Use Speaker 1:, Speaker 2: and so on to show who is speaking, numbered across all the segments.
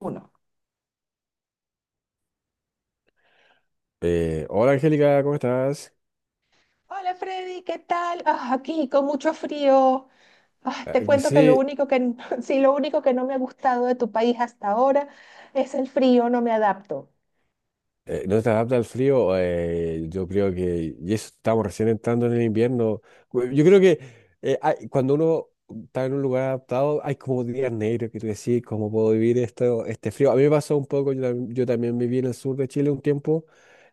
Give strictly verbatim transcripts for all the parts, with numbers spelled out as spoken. Speaker 1: Uno.
Speaker 2: Eh, hola Angélica, ¿cómo estás?
Speaker 1: Hola Freddy, ¿qué tal? Ah, aquí con mucho frío. Ah,
Speaker 2: Ah,
Speaker 1: te cuento que lo
Speaker 2: sí.
Speaker 1: único que n- sí, lo único que no me ha gustado de tu país hasta ahora es el frío, no me adapto.
Speaker 2: Eh, no te adapta al frío, eh, yo creo que, y eso estamos recién entrando en el invierno. Cu- yo creo que eh, hay- cuando uno está en un lugar adaptado, hay como días negros que tú decís, ¿cómo puedo vivir esto, este frío? A mí me pasó un poco, yo, tam- yo también viví en el sur de Chile un tiempo,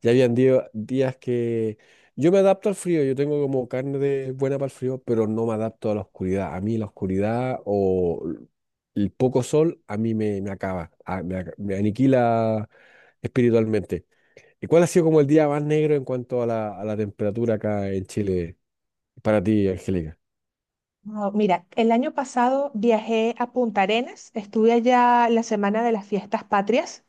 Speaker 2: y habían día- días que yo me adapto al frío, yo tengo como carne de buena para el frío, pero no me adapto a la oscuridad, a mí la oscuridad o el poco sol a mí me, me acaba, a- me, ac- me aniquila espiritualmente. ¿Y cuál ha sido como el día más negro en cuanto a la, a la temperatura acá en Chile para ti, Angélica?
Speaker 1: No, mira, el año pasado viajé a Punta Arenas, estuve allá la semana de las fiestas patrias.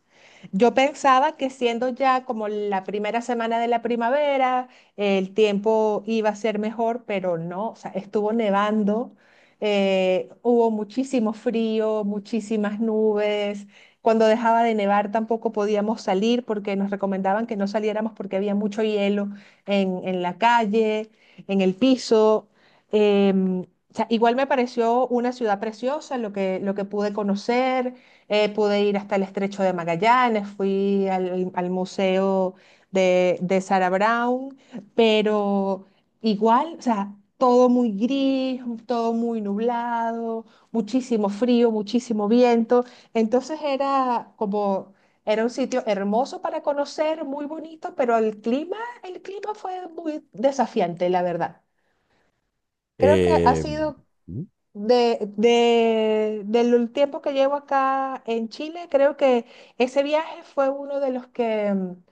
Speaker 1: Yo pensaba que siendo ya como la primera semana de la primavera, el tiempo iba a ser mejor, pero no, o sea, estuvo nevando, eh, hubo muchísimo frío, muchísimas nubes. Cuando dejaba de nevar tampoco podíamos salir porque nos recomendaban que no saliéramos porque había mucho hielo en, en la calle, en el piso. Em, o sea, igual me pareció una ciudad preciosa, lo que, lo que pude conocer, eh, pude ir hasta el Estrecho de Magallanes, fui al, al museo de, de Sarah Brown, pero igual, o sea, todo muy gris, todo muy nublado, muchísimo frío, muchísimo viento. Entonces era como, Era un sitio hermoso para conocer, muy bonito, pero el clima, el clima fue muy desafiante, la verdad. Creo que ha
Speaker 2: Eh,
Speaker 1: sido,
Speaker 2: ¿Mm?
Speaker 1: de, de- del tiempo que llevo acá en Chile, creo que ese viaje fue uno de los que, mm,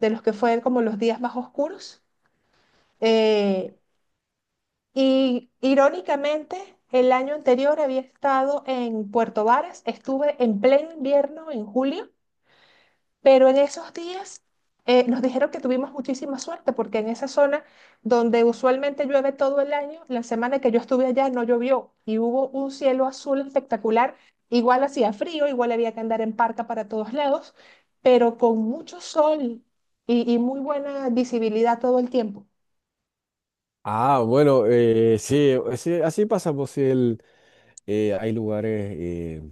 Speaker 1: de los que fue como los días más oscuros. Eh, y irónicamente, el año anterior había estado en Puerto Varas, estuve en pleno invierno en julio, pero en esos días eh, nos dijeron que tuvimos muchísima suerte porque en esa zona donde usualmente llueve todo el año, la semana que yo estuve allá no llovió y hubo un cielo azul espectacular. Igual hacía frío, igual había que andar en parca para todos lados, pero con mucho sol y, y muy buena visibilidad todo el tiempo.
Speaker 2: Ah, bueno, eh, sí, sí, así pasa, pues sí, el, eh, hay lugares eh,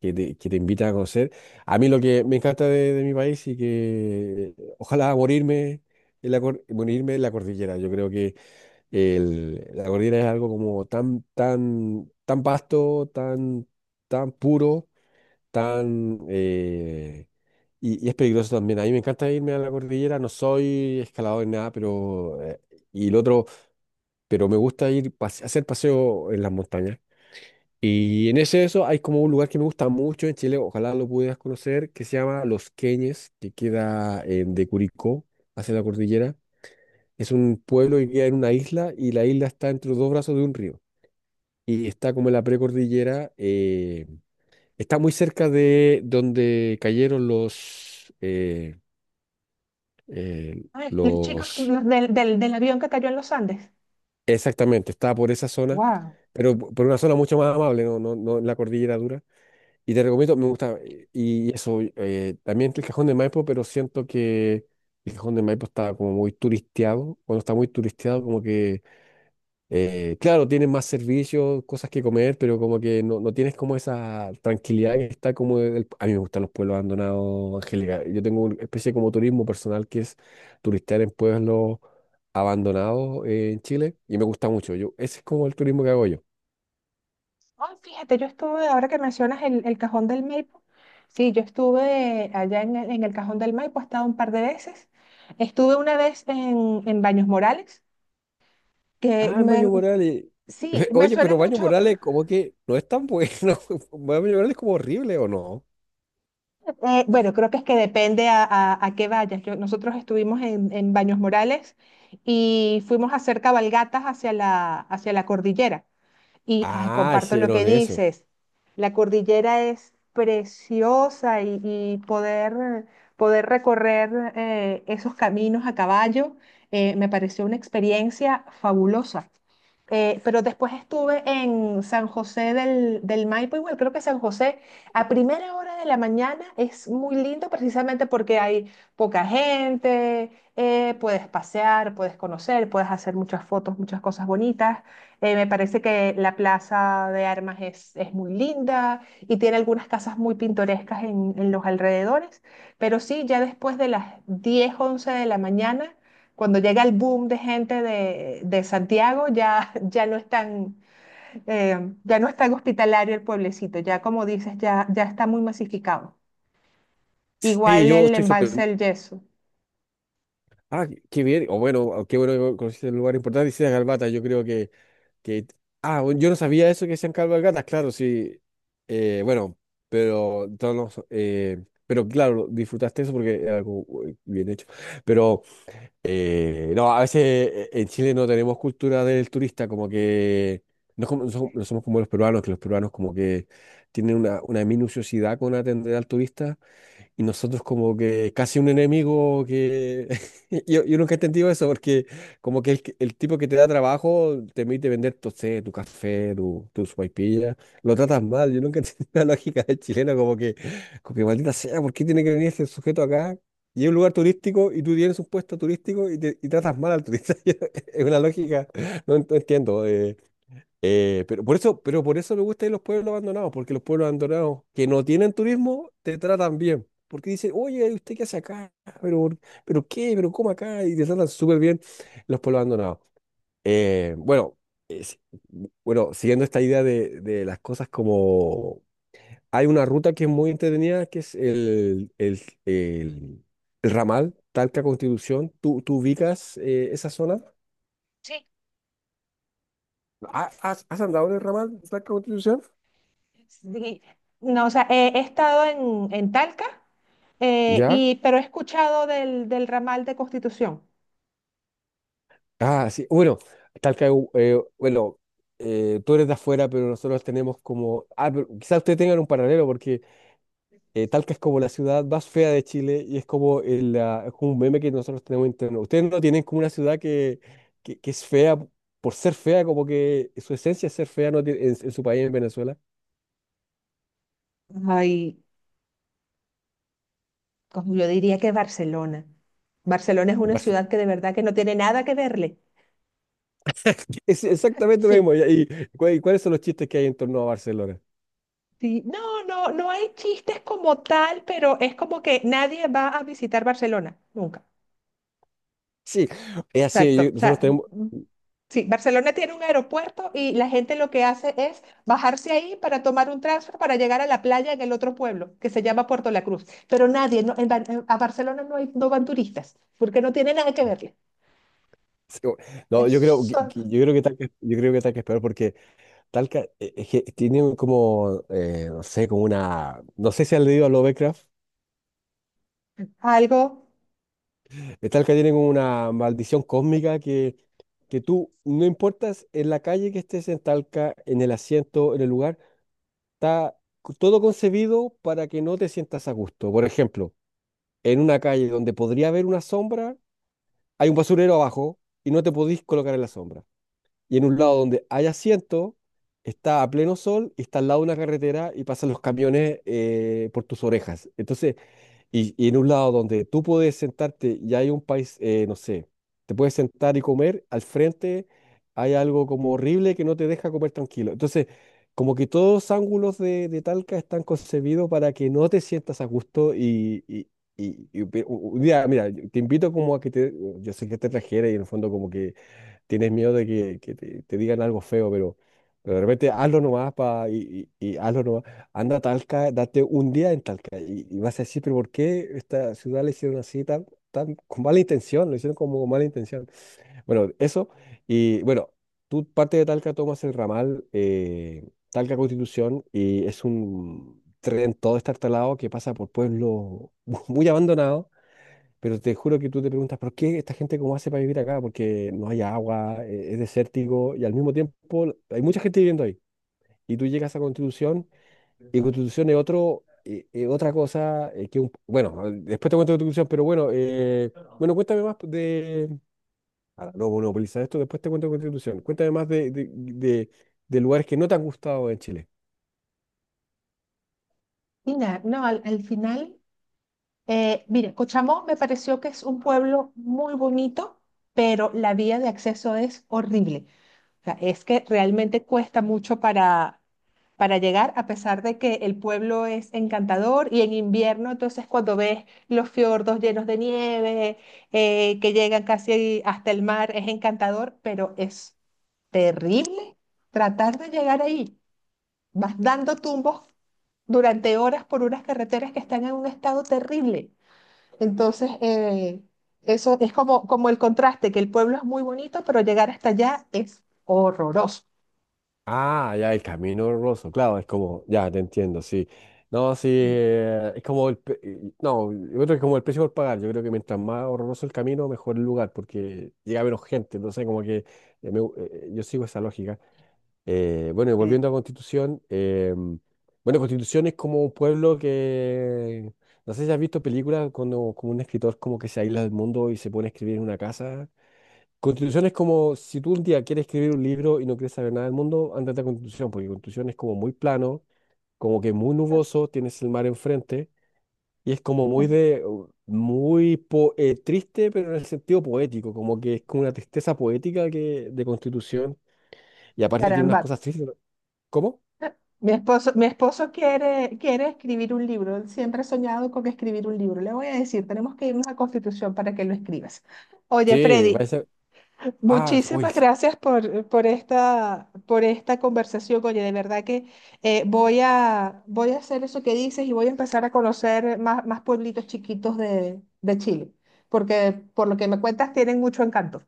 Speaker 2: que te, que te invitan a conocer. A mí lo que me encanta de, de mi país y que eh, ojalá morirme en la, cor- morirme en la cordillera. Yo creo que el- la cordillera es algo como tan, tan, tan vasto, tan, tan puro, tan... eh, y, y es peligroso también. A mí me encanta irme a la cordillera, no soy escalador ni nada, pero... eh, y el otro pero me gusta ir pase- hacer paseo en las montañas. Y en ese eso hay como un lugar que me gusta mucho en Chile, ojalá lo pudieras conocer, que se llama Los Queñes, que queda en, de Curicó hacia la cordillera. Es un pueblo que queda en una isla y la isla está entre los dos brazos de un río. Y está como en la precordillera, eh, está muy cerca de donde cayeron los, eh, eh,
Speaker 1: Ay, los chicos
Speaker 2: los,
Speaker 1: los del, del, del avión que cayó en los Andes.
Speaker 2: exactamente, está por esa zona,
Speaker 1: ¡Wow!
Speaker 2: pero por una zona mucho más amable, no, no, no en la cordillera dura. Y te recomiendo, me gusta, eh, y eso, eh, también está el Cajón de Maipo, pero siento que el Cajón de Maipo está como muy turisteado, cuando está muy turisteado, como que, eh, claro, tienes más servicios, cosas que comer, pero como que no, no tienes como esa tranquilidad que está como, el- a mí me gustan los pueblos abandonados, Angélica, yo tengo una especie como turismo personal que es turistear en pueblos abandonados eh, en Chile, y me gusta mucho, yo, ese es como el turismo que hago yo.
Speaker 1: Ay, fíjate, yo estuve, ahora que mencionas el, el Cajón del Maipo, sí, yo estuve allá en el, en el Cajón del Maipo, he estado un par de veces. Estuve una vez en, en Baños Morales, que
Speaker 2: Ah, Maño
Speaker 1: me,
Speaker 2: Morales.
Speaker 1: sí, me
Speaker 2: Oye,
Speaker 1: suena
Speaker 2: pero Maño
Speaker 1: mucho.
Speaker 2: Morales como que no es tan bueno. Maño Morales es como horrible, ¿o no?
Speaker 1: Eh, bueno, creo que es que depende a, a, a qué vayas. Yo- nosotros estuvimos en, en Baños Morales y fuimos a hacer cabalgatas hacia la, hacia la cordillera. Y ay,
Speaker 2: Ah,
Speaker 1: comparto lo que
Speaker 2: hicieron eso.
Speaker 1: dices. La cordillera es preciosa y, y poder, poder recorrer eh, esos caminos a caballo. Eh, me pareció una experiencia fabulosa. Eh, pero después estuve en San José del, del Maipo, igual creo que San José a primera hora de la mañana es muy lindo precisamente porque hay poca gente, eh, puedes pasear, puedes conocer, puedes hacer muchas fotos, muchas cosas bonitas. Eh, me parece que la Plaza de Armas es, es muy linda y tiene algunas casas muy pintorescas en, en los alrededores, pero sí, ya después de las diez once de la mañana, cuando llega el boom de gente de, de Santiago, ya, ya no es tan, eh, ya no es tan hospitalario el pueblecito, ya como dices, ya, ya está muy masificado.
Speaker 2: Sí,
Speaker 1: Igual
Speaker 2: yo
Speaker 1: el
Speaker 2: estoy
Speaker 1: embalse
Speaker 2: sorprendido.
Speaker 1: del Yeso.
Speaker 2: Ah, qué bien. O bueno, ah, qué bueno que conociste el lugar importante. Hicieron Calvata, yo creo que, que... Ah, bueno, yo no sabía eso que sean cabalgatas, claro, sí. Eh, bueno, pero todos los, eh, pero claro, disfrutaste eso porque era algo eh, bien hecho. Pero... Eh, no, a veces eh, en Chile no tenemos cultura del turista, como que no, es como- no somos no somos como los peruanos, que los peruanos como que tienen una, una minuciosidad con atender al turista. Y nosotros como que casi un enemigo que... Yo, yo nunca he entendido eso porque como que el, que- el tipo que te da trabajo te permite vender tu, sé, tu café, tu, tu sopaipilla, lo tratas mal. Yo nunca he entendido la lógica del chileno como que, como que maldita sea, ¿por qué tiene que venir este sujeto acá? Y es un lugar turístico y tú tienes un puesto turístico y, te- y tratas mal al turista. Es una lógica, no, ent- no entiendo. Eh, eh, pero por eso, pero por eso me gusta ir los pueblos abandonados, porque los pueblos abandonados que no tienen turismo te tratan bien. Porque dicen, oye, ¿usted qué hace acá? ¿Pero, por- pero qué? ¿Pero cómo acá? Y te tratan súper bien los pueblos abandonados. Eh, bueno, bueno, siguiendo esta idea de, de las cosas como... Hay una ruta que es muy entretenida, que es el, el, el, el ramal Talca Constitución. ¿Tú, tú ubicas eh, esa zona?
Speaker 1: Sí,
Speaker 2: ¿Ha- ¿Has, has andado en el ramal Talca Constitución?
Speaker 1: sí, no, o sea, he, he estado en, en Talca, eh,
Speaker 2: ¿Ya?
Speaker 1: y, pero he escuchado del, del ramal de Constitución.
Speaker 2: Ah, sí. Bueno, Talca, eh, bueno, eh, tú eres de afuera, pero nosotros tenemos como... Ah, pero quizás ustedes tengan un paralelo porque eh, Talca es como la ciudad más fea de Chile y es como, el, ah, es como un meme que nosotros tenemos interno. Ustedes no tienen como una ciudad que, que, que es fea por ser fea, como que su esencia es ser fea no tiene- en, en su país, en Venezuela.
Speaker 1: Ay, como yo diría que Barcelona. Barcelona es
Speaker 2: En
Speaker 1: una
Speaker 2: Barce-
Speaker 1: ciudad que de verdad que no tiene nada que verle.
Speaker 2: Es exactamente lo
Speaker 1: Sí,
Speaker 2: mismo. ¿Y, y cu- y cuáles son los chistes que hay en torno a Barcelona?
Speaker 1: sí. No, no, no hay chistes como tal, pero es como que nadie va a visitar Barcelona, nunca.
Speaker 2: Sí, es
Speaker 1: Exacto.
Speaker 2: así. Yo-
Speaker 1: O sea,
Speaker 2: nosotros tenemos,
Speaker 1: sí, Barcelona tiene un aeropuerto y la gente lo que hace es bajarse ahí para tomar un transfer para llegar a la playa en el otro pueblo, que se llama Puerto La Cruz. Pero nadie, no, en Bar- en- a Barcelona no, hay, no van turistas, porque no tiene nada que verle.
Speaker 2: sí, o- no,
Speaker 1: Es
Speaker 2: yo creo, que-
Speaker 1: solo
Speaker 2: que- yo creo que Talca, yo creo que Talca es peor porque Talca eh, es que tiene un como, eh, no sé, como una, no sé si han leído a Lovecraft.
Speaker 1: algo,
Speaker 2: eh, Talca tiene como una maldición cósmica que, que tú, no importas en la calle que estés en Talca, en el asiento, en el lugar, está co- todo concebido para que no te sientas a gusto. Por ejemplo, en una calle donde podría haber una sombra, hay un basurero abajo y no te podís colocar en la sombra. Y en un lado donde hay asiento, está a pleno sol y está al lado de una carretera y pasan los camiones eh, por tus orejas. Entonces, y, y en un lado donde tú puedes sentarte y hay un país, eh, no sé, te puedes sentar y comer, al frente hay algo como horrible que no te deja comer tranquilo. Entonces, como que todos los ángulos de, de Talca están concebidos para que no te sientas a gusto y... y- y- y un día, mira, mira, yo te invito como a que te, yo sé que te trajera y en el fondo como que tienes miedo de que, que te, te digan algo feo, pero, pero de repente hazlo nomás pa, y, y, y hazlo nomás. Anda a Talca, date un día en Talca y, y vas a decir, pero ¿por qué esta ciudad la hicieron así tan, tan con mala intención? Lo hicieron como con mala intención. Bueno, eso. Y bueno, tú parte de Talca tomas el ramal eh, Talca Constitución y es un tren todo estartalado que pasa por pueblos muy abandonados pero te juro que tú te preguntas, ¿por qué esta gente cómo hace para vivir acá? Porque no hay agua, eh, es desértico y al mismo tiempo hay mucha gente viviendo ahí. Y tú llegas a Constitución y Constitución es otro, eh, eh, otra cosa eh, que un... Bueno, eh, después te cuento Constitución, pero bueno, eh, bueno, cuéntame más de... Ahora, no monopolizar esto, después te cuento Constitución. Cuéntame más de, de, de- de lugares que no te han gustado en Chile.
Speaker 1: y nada, no, al, al final, eh, mire, Cochamó me pareció que es un pueblo muy bonito, pero la vía de acceso es horrible. O sea, es que realmente cuesta mucho para, para llegar, a pesar de que el pueblo es encantador y en invierno, entonces cuando ves los fiordos llenos de nieve, eh, que llegan casi hasta el mar, es encantador, pero es terrible tratar de llegar ahí. Vas dando tumbos durante horas por unas carreteras que están en un estado terrible. Entonces, eh, eso es como, como el contraste, que el pueblo es muy bonito, pero llegar hasta allá es horroroso.
Speaker 2: Ah, ya, el camino roso, claro, es como, ya, te entiendo, sí. No, sí, eh, es como el, pe- eh, no, yo creo que es como el precio por pagar, yo creo que mientras más horroroso el camino, mejor el lugar, porque llega a menos gente, no sé, como que eh, me gu- eh, yo sigo esa lógica. Eh, bueno, y volviendo a Constitución, eh, bueno, Constitución es como un pueblo que, no sé si has visto películas cuando como un escritor como que se aísla del mundo y se pone a escribir en una casa. Constitución es como si tú un día quieres escribir un libro y no quieres saber nada del mundo, ándate a Constitución, porque Constitución es como muy plano, como que muy nuboso, tienes el mar enfrente y es como muy de uh, muy po- eh, triste, pero en el sentido poético, como que es como una tristeza poética que de Constitución y aparte tiene unas
Speaker 1: Caramba,
Speaker 2: cosas tristes, ¿no? ¿Cómo?
Speaker 1: mi esposo, mi esposo quiere, quiere escribir un libro. Él siempre ha soñado con escribir un libro. Le voy a decir, tenemos que irnos a Constitución para que lo escribas. Oye,
Speaker 2: Sí, va a
Speaker 1: Freddy,
Speaker 2: ser ah, s- uy,
Speaker 1: muchísimas
Speaker 2: sí,
Speaker 1: gracias por, por esta, por esta conversación. Oye, de verdad que eh, voy a, voy a hacer eso que dices y voy a empezar a conocer más, más pueblitos chiquitos de, de Chile, porque por lo que me cuentas tienen mucho encanto.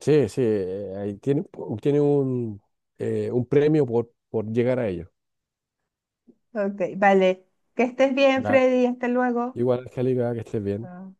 Speaker 2: sí, sí, eh, ahí tiene tiene un eh, un premio por por llegar a ello.
Speaker 1: Ok, vale. Que estés bien,
Speaker 2: Ya,
Speaker 1: Freddy. Hasta luego.
Speaker 2: igual, Angélica, que estés bien.
Speaker 1: Chao.